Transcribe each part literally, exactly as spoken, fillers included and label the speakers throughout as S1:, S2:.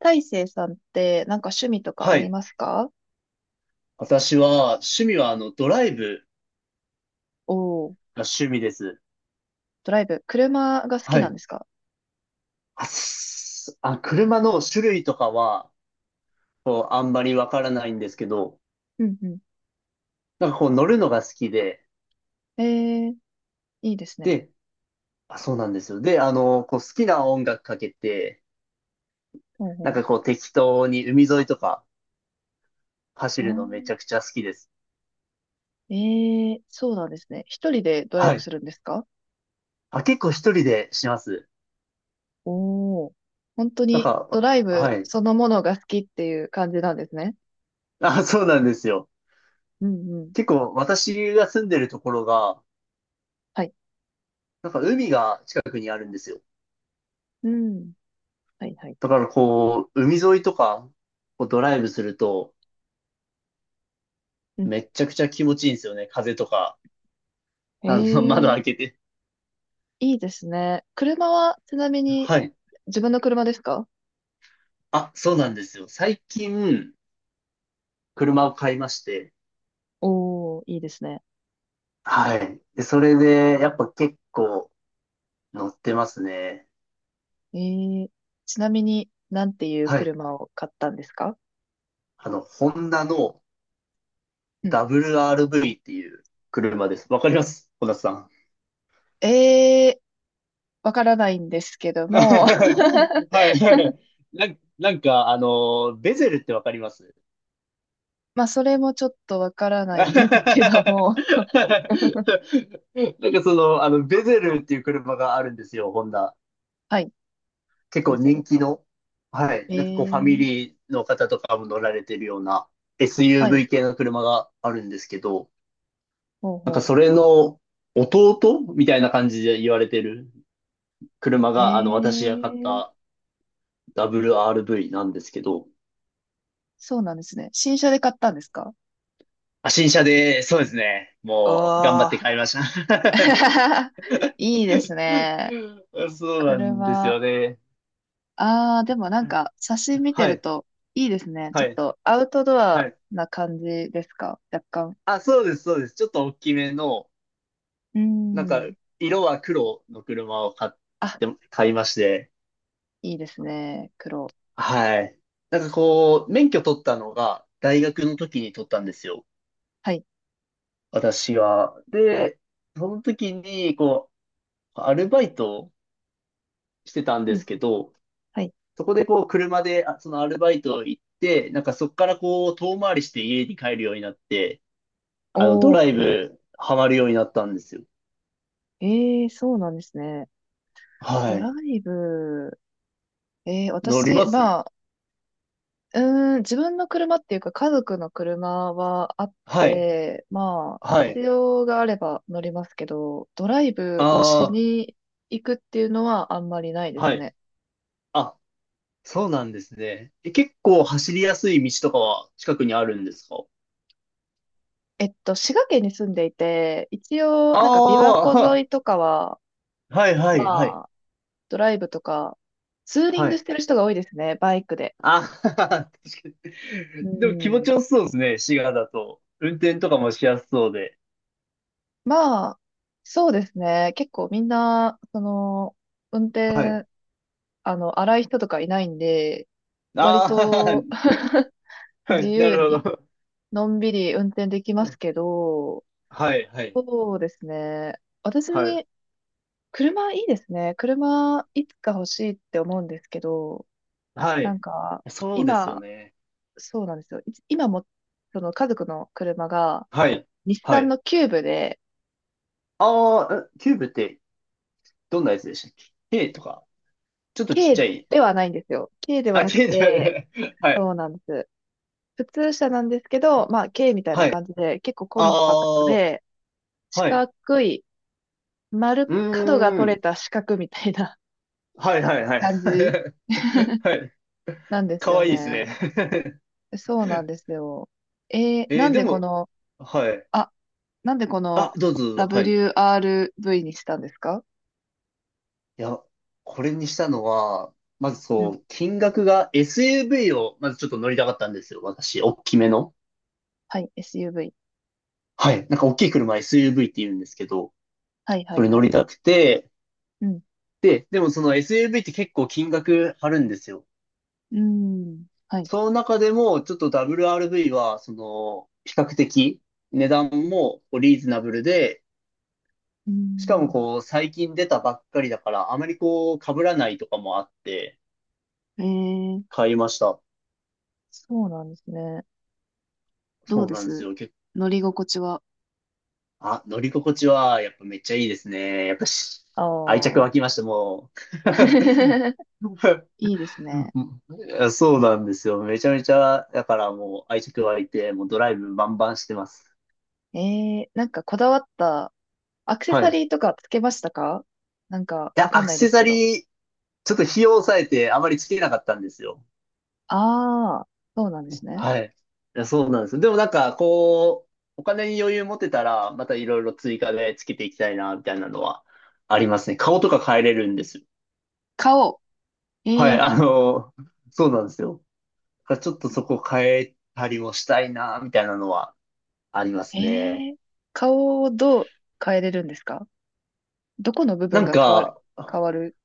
S1: 大成さんってなんか趣味とか
S2: は
S1: あり
S2: い。
S1: ますか？
S2: 私は、趣味は、あの、ドライブ
S1: おおー、
S2: が趣味です。
S1: ドライブ。車が好
S2: は
S1: きなん
S2: い。
S1: ですか？
S2: あ、すあ車の種類とかは、こう、あんまりわからないんですけど、
S1: うんう
S2: なんかこう、乗るのが好きで、
S1: ん。ええ、いいですね。
S2: で、あ、そうなんですよ。で、あの、こう、好きな音楽かけて、
S1: ほうほ
S2: なん
S1: う。
S2: かこう、適当に海沿いとか走
S1: あ
S2: るのめち
S1: ー、
S2: ゃくちゃ好きです。
S1: ええ、そうなんですね。一人でドライ
S2: は
S1: ブ
S2: い。
S1: するんですか？
S2: あ、結構一人でします。
S1: おおー、本当
S2: なん
S1: にド
S2: か、
S1: ライブ
S2: はい。
S1: そのものが好きっていう感じなんですね。
S2: あ、そうなんですよ。
S1: うんうん。
S2: 結構、私が住んでるところが、
S1: はい。
S2: なんか海が近くにあるんですよ。
S1: うん。はいはい。
S2: だからこう、海沿いとか、こうドライブすると、
S1: うん。
S2: めっちゃくちゃ気持ちいいんですよね。風とか。あの、窓
S1: え
S2: 開けて。
S1: え、いいですね。車はちなみに
S2: はい。
S1: 自分の車ですか？
S2: あ、そうなんですよ。最近、車を買いまして。
S1: おおー、いいですね。
S2: はい。で、それで、やっぱ結構乗ってますね。
S1: えー、ちなみに、なんていう
S2: はい。
S1: 車を買ったんですか？
S2: あの、ホンダの
S1: うん。
S2: ダブリューアールブイ っていう車です。わかります、小田さん？
S1: えー、わからないんですけど も。
S2: はいはい。なん、なんか、あの、ベゼルってわかります？
S1: まあ、それもちょっとわから な
S2: な
S1: い
S2: ん
S1: んですけど
S2: か
S1: も。
S2: その、あの、ベゼルっていう車があるんですよ、ホンダ。
S1: はい、
S2: 結
S1: デ
S2: 構
S1: ゼ
S2: 人
S1: ル。
S2: 気の、はい、
S1: え
S2: なんかこうファミ
S1: ー、
S2: リーの方とかも乗られてるような
S1: はい、
S2: エスユーブイ 系の車があるんですけど、
S1: ほう
S2: なんか
S1: ほ
S2: それの弟みたいな感じで言われてる車
S1: う。え
S2: が、あの、私が買っ
S1: ー、
S2: た ダブリューアールブイ なんですけど、
S1: そうなんですね。新車で買ったんですか？
S2: あ、新車で、そうですね。
S1: お
S2: もう、頑張って
S1: ー。
S2: 買いました。
S1: いいですね。
S2: そうなんです
S1: 車。
S2: よね。
S1: ああ、でもなんか、写真見て
S2: は
S1: る
S2: い。
S1: といいですね。ち
S2: は
S1: ょっ
S2: い、
S1: とアウトド
S2: は
S1: ア
S2: い。
S1: な感じですか若干。
S2: あ、そうです、そうです。ちょっと大きめの、
S1: う
S2: なんか、
S1: ん。
S2: 色は黒の車を買っ
S1: あ、
S2: て、買いまして、
S1: いいですね。黒。
S2: はい。なんかこう、免許取ったのが、大学の時に取ったんですよ。
S1: はい。
S2: 私は。で、その時に、こう、アルバイトをしてたん
S1: う
S2: です
S1: ん。
S2: けど、
S1: はい。
S2: そこでこう、車で、あそのアルバイト行って、なんかそこからこう、遠回りして家に帰るようになって、
S1: お
S2: あの、ドライ
S1: ー。
S2: ブ、ハマるようになったんですよ。
S1: ええ、そうなんですね。
S2: は
S1: ドラ
S2: い。
S1: イブ。ええ、
S2: 乗り
S1: 私、
S2: ます。
S1: まあ、うーん、自分の車っていうか、家族の車はあっ
S2: はい。
S1: て、まあ、
S2: はい。
S1: 必要があれば乗りますけど、ドライブ
S2: あ
S1: をしに行くっていうのはあんまりないで
S2: あ、は
S1: す
S2: い。
S1: ね。
S2: あ、そうなんですね。え、結構走りやすい道とかは近くにあるんですか？
S1: えっと、滋賀県に住んでいて、一応、なんか琵琶湖沿
S2: あ
S1: いとかは、
S2: あー、はいはいはい。
S1: ま、ドライブとか、ツーリン
S2: は
S1: グし
S2: い。
S1: てる人が多いですね、バイクで。
S2: あはは確かに。
S1: う
S2: でも気持
S1: ん。
S2: ちよさそうですね、滋賀だと。運転とかもしやすそうで。
S1: まあ、そうですね。結構みんな、その、運
S2: はい。
S1: 転、あの、荒い人とかいないんで、割
S2: あ
S1: と
S2: あ、は
S1: 自
S2: い、な
S1: 由
S2: る
S1: に、
S2: ほど。
S1: のんびり運転できますけど、
S2: はいはい
S1: そうですね。私、
S2: はい。
S1: 車いいですね。車、いつか欲しいって思うんですけど、
S2: は
S1: な
S2: い。
S1: んか、
S2: そうですよ
S1: 今、
S2: ね。
S1: そうなんですよ。いつ今も、その家族の車が、
S2: はい。
S1: 日
S2: は
S1: 産
S2: い。
S1: のキューブで、
S2: ああ、えキューブってどんなやつでしたっけ ?A とか、ちょっとちっち
S1: 軽
S2: ゃい。
S1: ではないんですよ。軽では
S2: あ、
S1: なく
S2: 近所
S1: て、
S2: で はい。
S1: そうなんです。普通車なんですけど、まあ、軽みたいな
S2: はい。
S1: 感じで、結構コ
S2: あ
S1: ンパクト
S2: あ、
S1: で、四
S2: はい。
S1: 角い、丸、
S2: う
S1: 角が
S2: ー
S1: 取れ
S2: ん。
S1: た四角みたいな
S2: はいは いはい。
S1: 感じ
S2: はい。
S1: なんです
S2: か
S1: よ
S2: わいいです
S1: ね。
S2: ね。
S1: そうなんですよ。え ー、
S2: え
S1: な
S2: ー
S1: ん
S2: で
S1: でこ
S2: も、
S1: の、
S2: はい。
S1: あ、なんでこ
S2: あ、
S1: の
S2: どうぞ、はい。い
S1: ダブリューアールブイ にしたんですか？
S2: や、これにしたのは、まず
S1: うん。
S2: そう、金額が エスユーブイ を、まずちょっと乗りたかったんですよ、私。大きめの。
S1: はい、エスユーブイ。
S2: はい。なんか大きい車 エスユーブイ って言うんですけど、
S1: はい、は
S2: そ
S1: い、
S2: れ
S1: は
S2: 乗り
S1: い。
S2: たくて、
S1: うん。
S2: で、でもその エスユーブイ って結構金額張るんですよ。
S1: うーん。はい。
S2: その中でも、ちょっと ダブリューアールブイ は、その、比較的、値段もこうリーズナブルで、
S1: うー
S2: しかも
S1: ん。
S2: こう、最近出たばっかりだから、あまりこう、被らないとかもあって、
S1: えー、
S2: 買いました。
S1: そうなんですね。どう
S2: そう
S1: で
S2: なんです
S1: す
S2: よ。結
S1: 乗り心地は。
S2: 構、あ、乗り心地は、やっぱめっちゃいいですね。やっぱし、
S1: あ
S2: 愛着
S1: あ。
S2: 湧きました、も う。
S1: いいですね。
S2: いやそうなんですよ。めちゃめちゃ、だからもう愛着湧いて、もうドライブバンバンしてます。
S1: ええ、なんかこだわったアクセ
S2: はい。
S1: サ
S2: い
S1: リーとかつけましたか？なんかわ
S2: や、
S1: か
S2: ア
S1: ん
S2: ク
S1: ないで
S2: セ
S1: す
S2: サ
S1: けど。
S2: リーちょっと費用を抑えてあまりつけなかったんですよ。
S1: ああ、そうなんですね。
S2: はい。いやそうなんですよ。でもなんか、こう、お金に余裕持てたら、またいろいろ追加でつけていきたいな、みたいなのはありますね。顔とか変えれるんですよ。はい、
S1: 顔。ええ、
S2: あの、そうなんですよ。だからちょっとそこ変えたりもしたいな、みたいなのはありま
S1: え
S2: すね。
S1: え、顔をどう変えれるんですか？どこの部
S2: な
S1: 分
S2: ん
S1: が変わる、
S2: か、
S1: 変わる。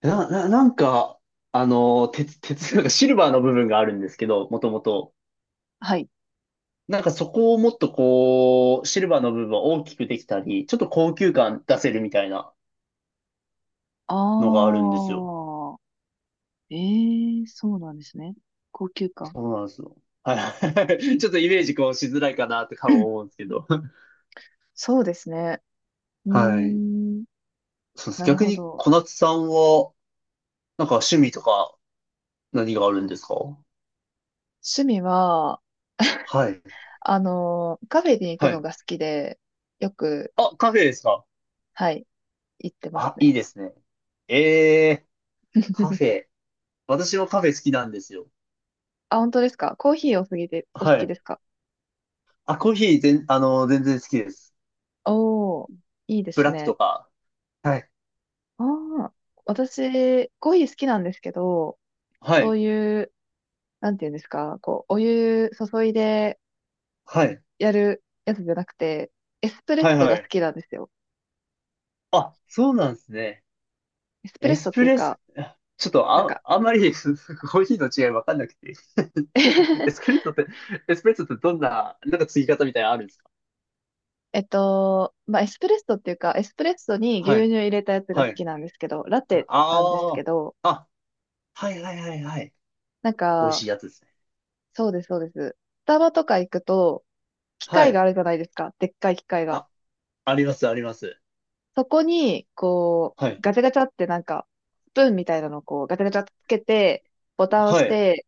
S2: な、な、なんか、あの、鉄、鉄、なんかシルバーの部分があるんですけど、もともと。
S1: はい。
S2: なんかそこをもっとこう、シルバーの部分を大きくできたり、ちょっと高級感出せるみたいなのがある
S1: あ
S2: んですよ。
S1: あ、ええ、そうなんですね。高級感。
S2: そうなんですよ。はい。ちょっとイメージこうしづらいかなって顔思う んですけど。
S1: そうですね。うー
S2: はい。
S1: ん、
S2: そうです。
S1: なる
S2: 逆
S1: ほ
S2: に
S1: ど。
S2: 小夏さんは、なんか趣味とか何があるんですか？
S1: 趣味は、
S2: はい。
S1: あの、カフェに行く
S2: は
S1: の
S2: い。
S1: が好きで、よく、
S2: あ、カフェですか？
S1: はい、行ってます
S2: あ、いい
S1: ね。
S2: ですね。ええ、カフ ェ。私もカフェ好きなんですよ。
S1: あ、本当ですか？コーヒーお好きで、お好
S2: は
S1: き
S2: い。
S1: ですか？
S2: あ、コーヒー全、あの、全然好きです。
S1: おー、いいで
S2: ブ
S1: す
S2: ラック
S1: ね。
S2: とか。はい。
S1: ああ、私、コーヒー好きなんですけど、
S2: は
S1: そう
S2: い。
S1: いう、なんていうんですか、こう、お湯注いで
S2: はい。
S1: やるやつじゃなくて、エスプレ
S2: は
S1: ッ
S2: い
S1: ソ
S2: は
S1: が好
S2: い。
S1: きなんですよ。
S2: あ、そうなんですね。
S1: エスプ
S2: エ
S1: レッソ
S2: ス
S1: って
S2: プ
S1: いう
S2: レッ
S1: か、
S2: ソ、ちょっと
S1: なん
S2: あ、
S1: か
S2: あんまり コーヒーの違いわかんなくて。エス プレッソって、エスプレッソってどんな、なんか継ぎ方みたいなのあるんですか？
S1: えっと、まあ、エスプレッソっていうか、エスプレッソに
S2: は
S1: 牛
S2: い、
S1: 乳入れたやつが
S2: は
S1: 好
S2: い。
S1: きなんですけど、ラ
S2: あ
S1: テなんです
S2: あ
S1: け
S2: ー、
S1: ど、
S2: あ、はいはいはいはい。
S1: なん
S2: 美味し
S1: か、
S2: いやつですね。
S1: そうです、そうです。スタバとか行くと、機
S2: は
S1: 械があ
S2: い。
S1: るじゃないですか。でっかい機械が。
S2: あ、あります、あります。
S1: そこに、こ
S2: は
S1: う、
S2: い、
S1: ガチャガチャってなんか、スプーンみたいなのをこう、ガチャガチャってつけて、ボタンを押
S2: は
S1: し
S2: い、
S1: て、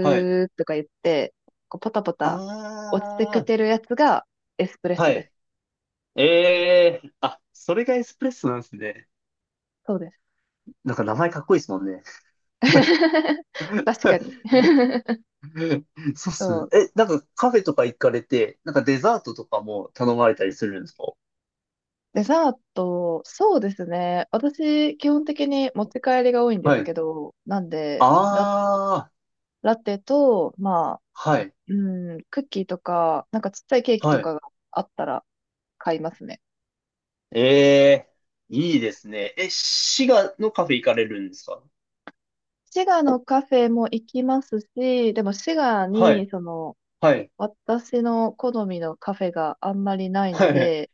S2: はい。
S1: ーとか言って、こう、ポタポタ落ちてく
S2: あ
S1: てるやつがエスプレッ
S2: あ、は
S1: ソです。
S2: い。ええー、あ、それがエスプレッソなんですね。
S1: そうです。
S2: なんか名前かっこいいですもんね。
S1: 確かに。
S2: そうっ
S1: そ
S2: すね。
S1: う
S2: え、なんかカフェとか行かれて、なんかデザートとかも頼まれたりするんですか？
S1: デザート、そうですね。私、基本的に持ち帰りが多いんで
S2: は
S1: す
S2: い。
S1: けど、なんで、ラ、
S2: ああ、
S1: ラテと、まあ、
S2: はい、
S1: うん、クッキーとか、なんかちっちゃいケーキと
S2: はい。
S1: かがあったら買いますね。
S2: ええ、いいですね。え、滋賀のカフェ行かれるんですか？
S1: 滋賀のカフェも行きますし、でも滋賀
S2: は
S1: に、
S2: い、
S1: その、
S2: はい、
S1: 私の好みのカフェがあんまりない
S2: は
S1: の
S2: い、
S1: で、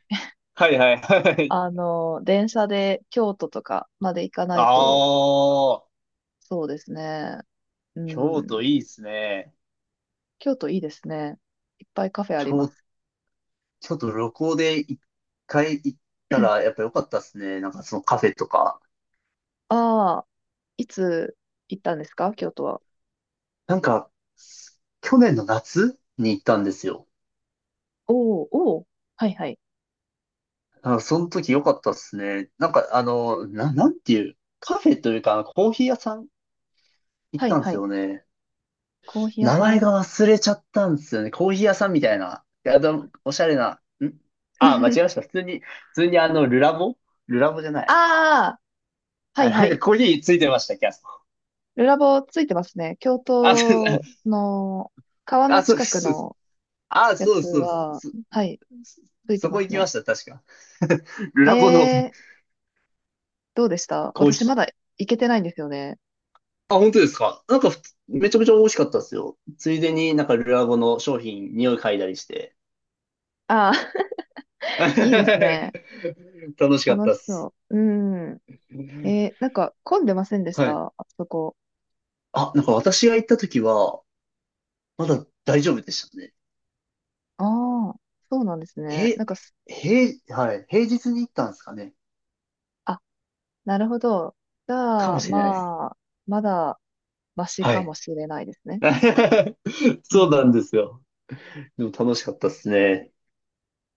S2: はい、はい。はい
S1: あの、電車で京都とかまで行かな
S2: あ
S1: いと、
S2: あ、
S1: そうですね。う
S2: 京
S1: ん、
S2: 都いいですね。
S1: 京都いいですね。いっぱいカフェありま
S2: 京、
S1: す。
S2: 京都旅行でいっかい行ったらやっぱ良かったですね。なんかそのカフェとか。
S1: ああ、いつ行ったんですか京都は。
S2: なんか、去年の夏に行ったんですよ。
S1: おお、おお、はいはい。
S2: あ、その時良かったっすね。なんか、あの、な、なんていう、カフェというか、コーヒー屋さん行っ
S1: はい
S2: たんで
S1: は
S2: す
S1: い。
S2: よね。
S1: コーヒー屋
S2: 名
S1: さ
S2: 前
S1: ん。
S2: が忘れちゃったんですよね。コーヒー屋さんみたいな。いや、でもおしゃれな。んあ、間違えまし た。普通に、普通にあの、ルラボルラボじゃない。
S1: ああ、は
S2: あ、
S1: いは
S2: なんか
S1: い。
S2: コーヒーついてました、キャス
S1: ルラボついてますね。京
S2: あ、そうで
S1: 都
S2: す。
S1: の川の
S2: あ、そうで
S1: 近
S2: す。
S1: く
S2: そうです
S1: の
S2: あ、
S1: や
S2: そうで
S1: つ
S2: すそうです
S1: は、
S2: そそ
S1: はい、ついて
S2: そ
S1: ま
S2: こ行
S1: す
S2: きま
S1: ね。
S2: した、確か。ル
S1: え
S2: ラボの
S1: えー、どうでした？
S2: コー
S1: 私ま
S2: ヒ
S1: だ
S2: ー。
S1: 行けてないんですよね。
S2: あ、本当ですか。なんかふつ、めちゃくちゃ美味しかったですよ。ついでになんかルアゴの商品、匂い嗅いだりして。
S1: ああ、いいです
S2: 楽
S1: ね。
S2: しかっ
S1: 楽
S2: たっ
S1: し
S2: す。
S1: そう。うん。えー、なんか混んでませんでし
S2: はい。
S1: たあそこ。
S2: あ、なんか私が行った時は、まだ大丈夫でしたね。
S1: ああ、そうなんですね。な
S2: へ、
S1: んかす、
S2: へ、はい。平日に行ったんですかね。
S1: あ、なるほど。じ
S2: か
S1: ゃ
S2: も
S1: あ、
S2: しれないです。
S1: まあ、まだマシ
S2: は
S1: か
S2: い。
S1: もしれないですね。うんう
S2: そうな
S1: ん
S2: んですよ。でも楽しかったっすね。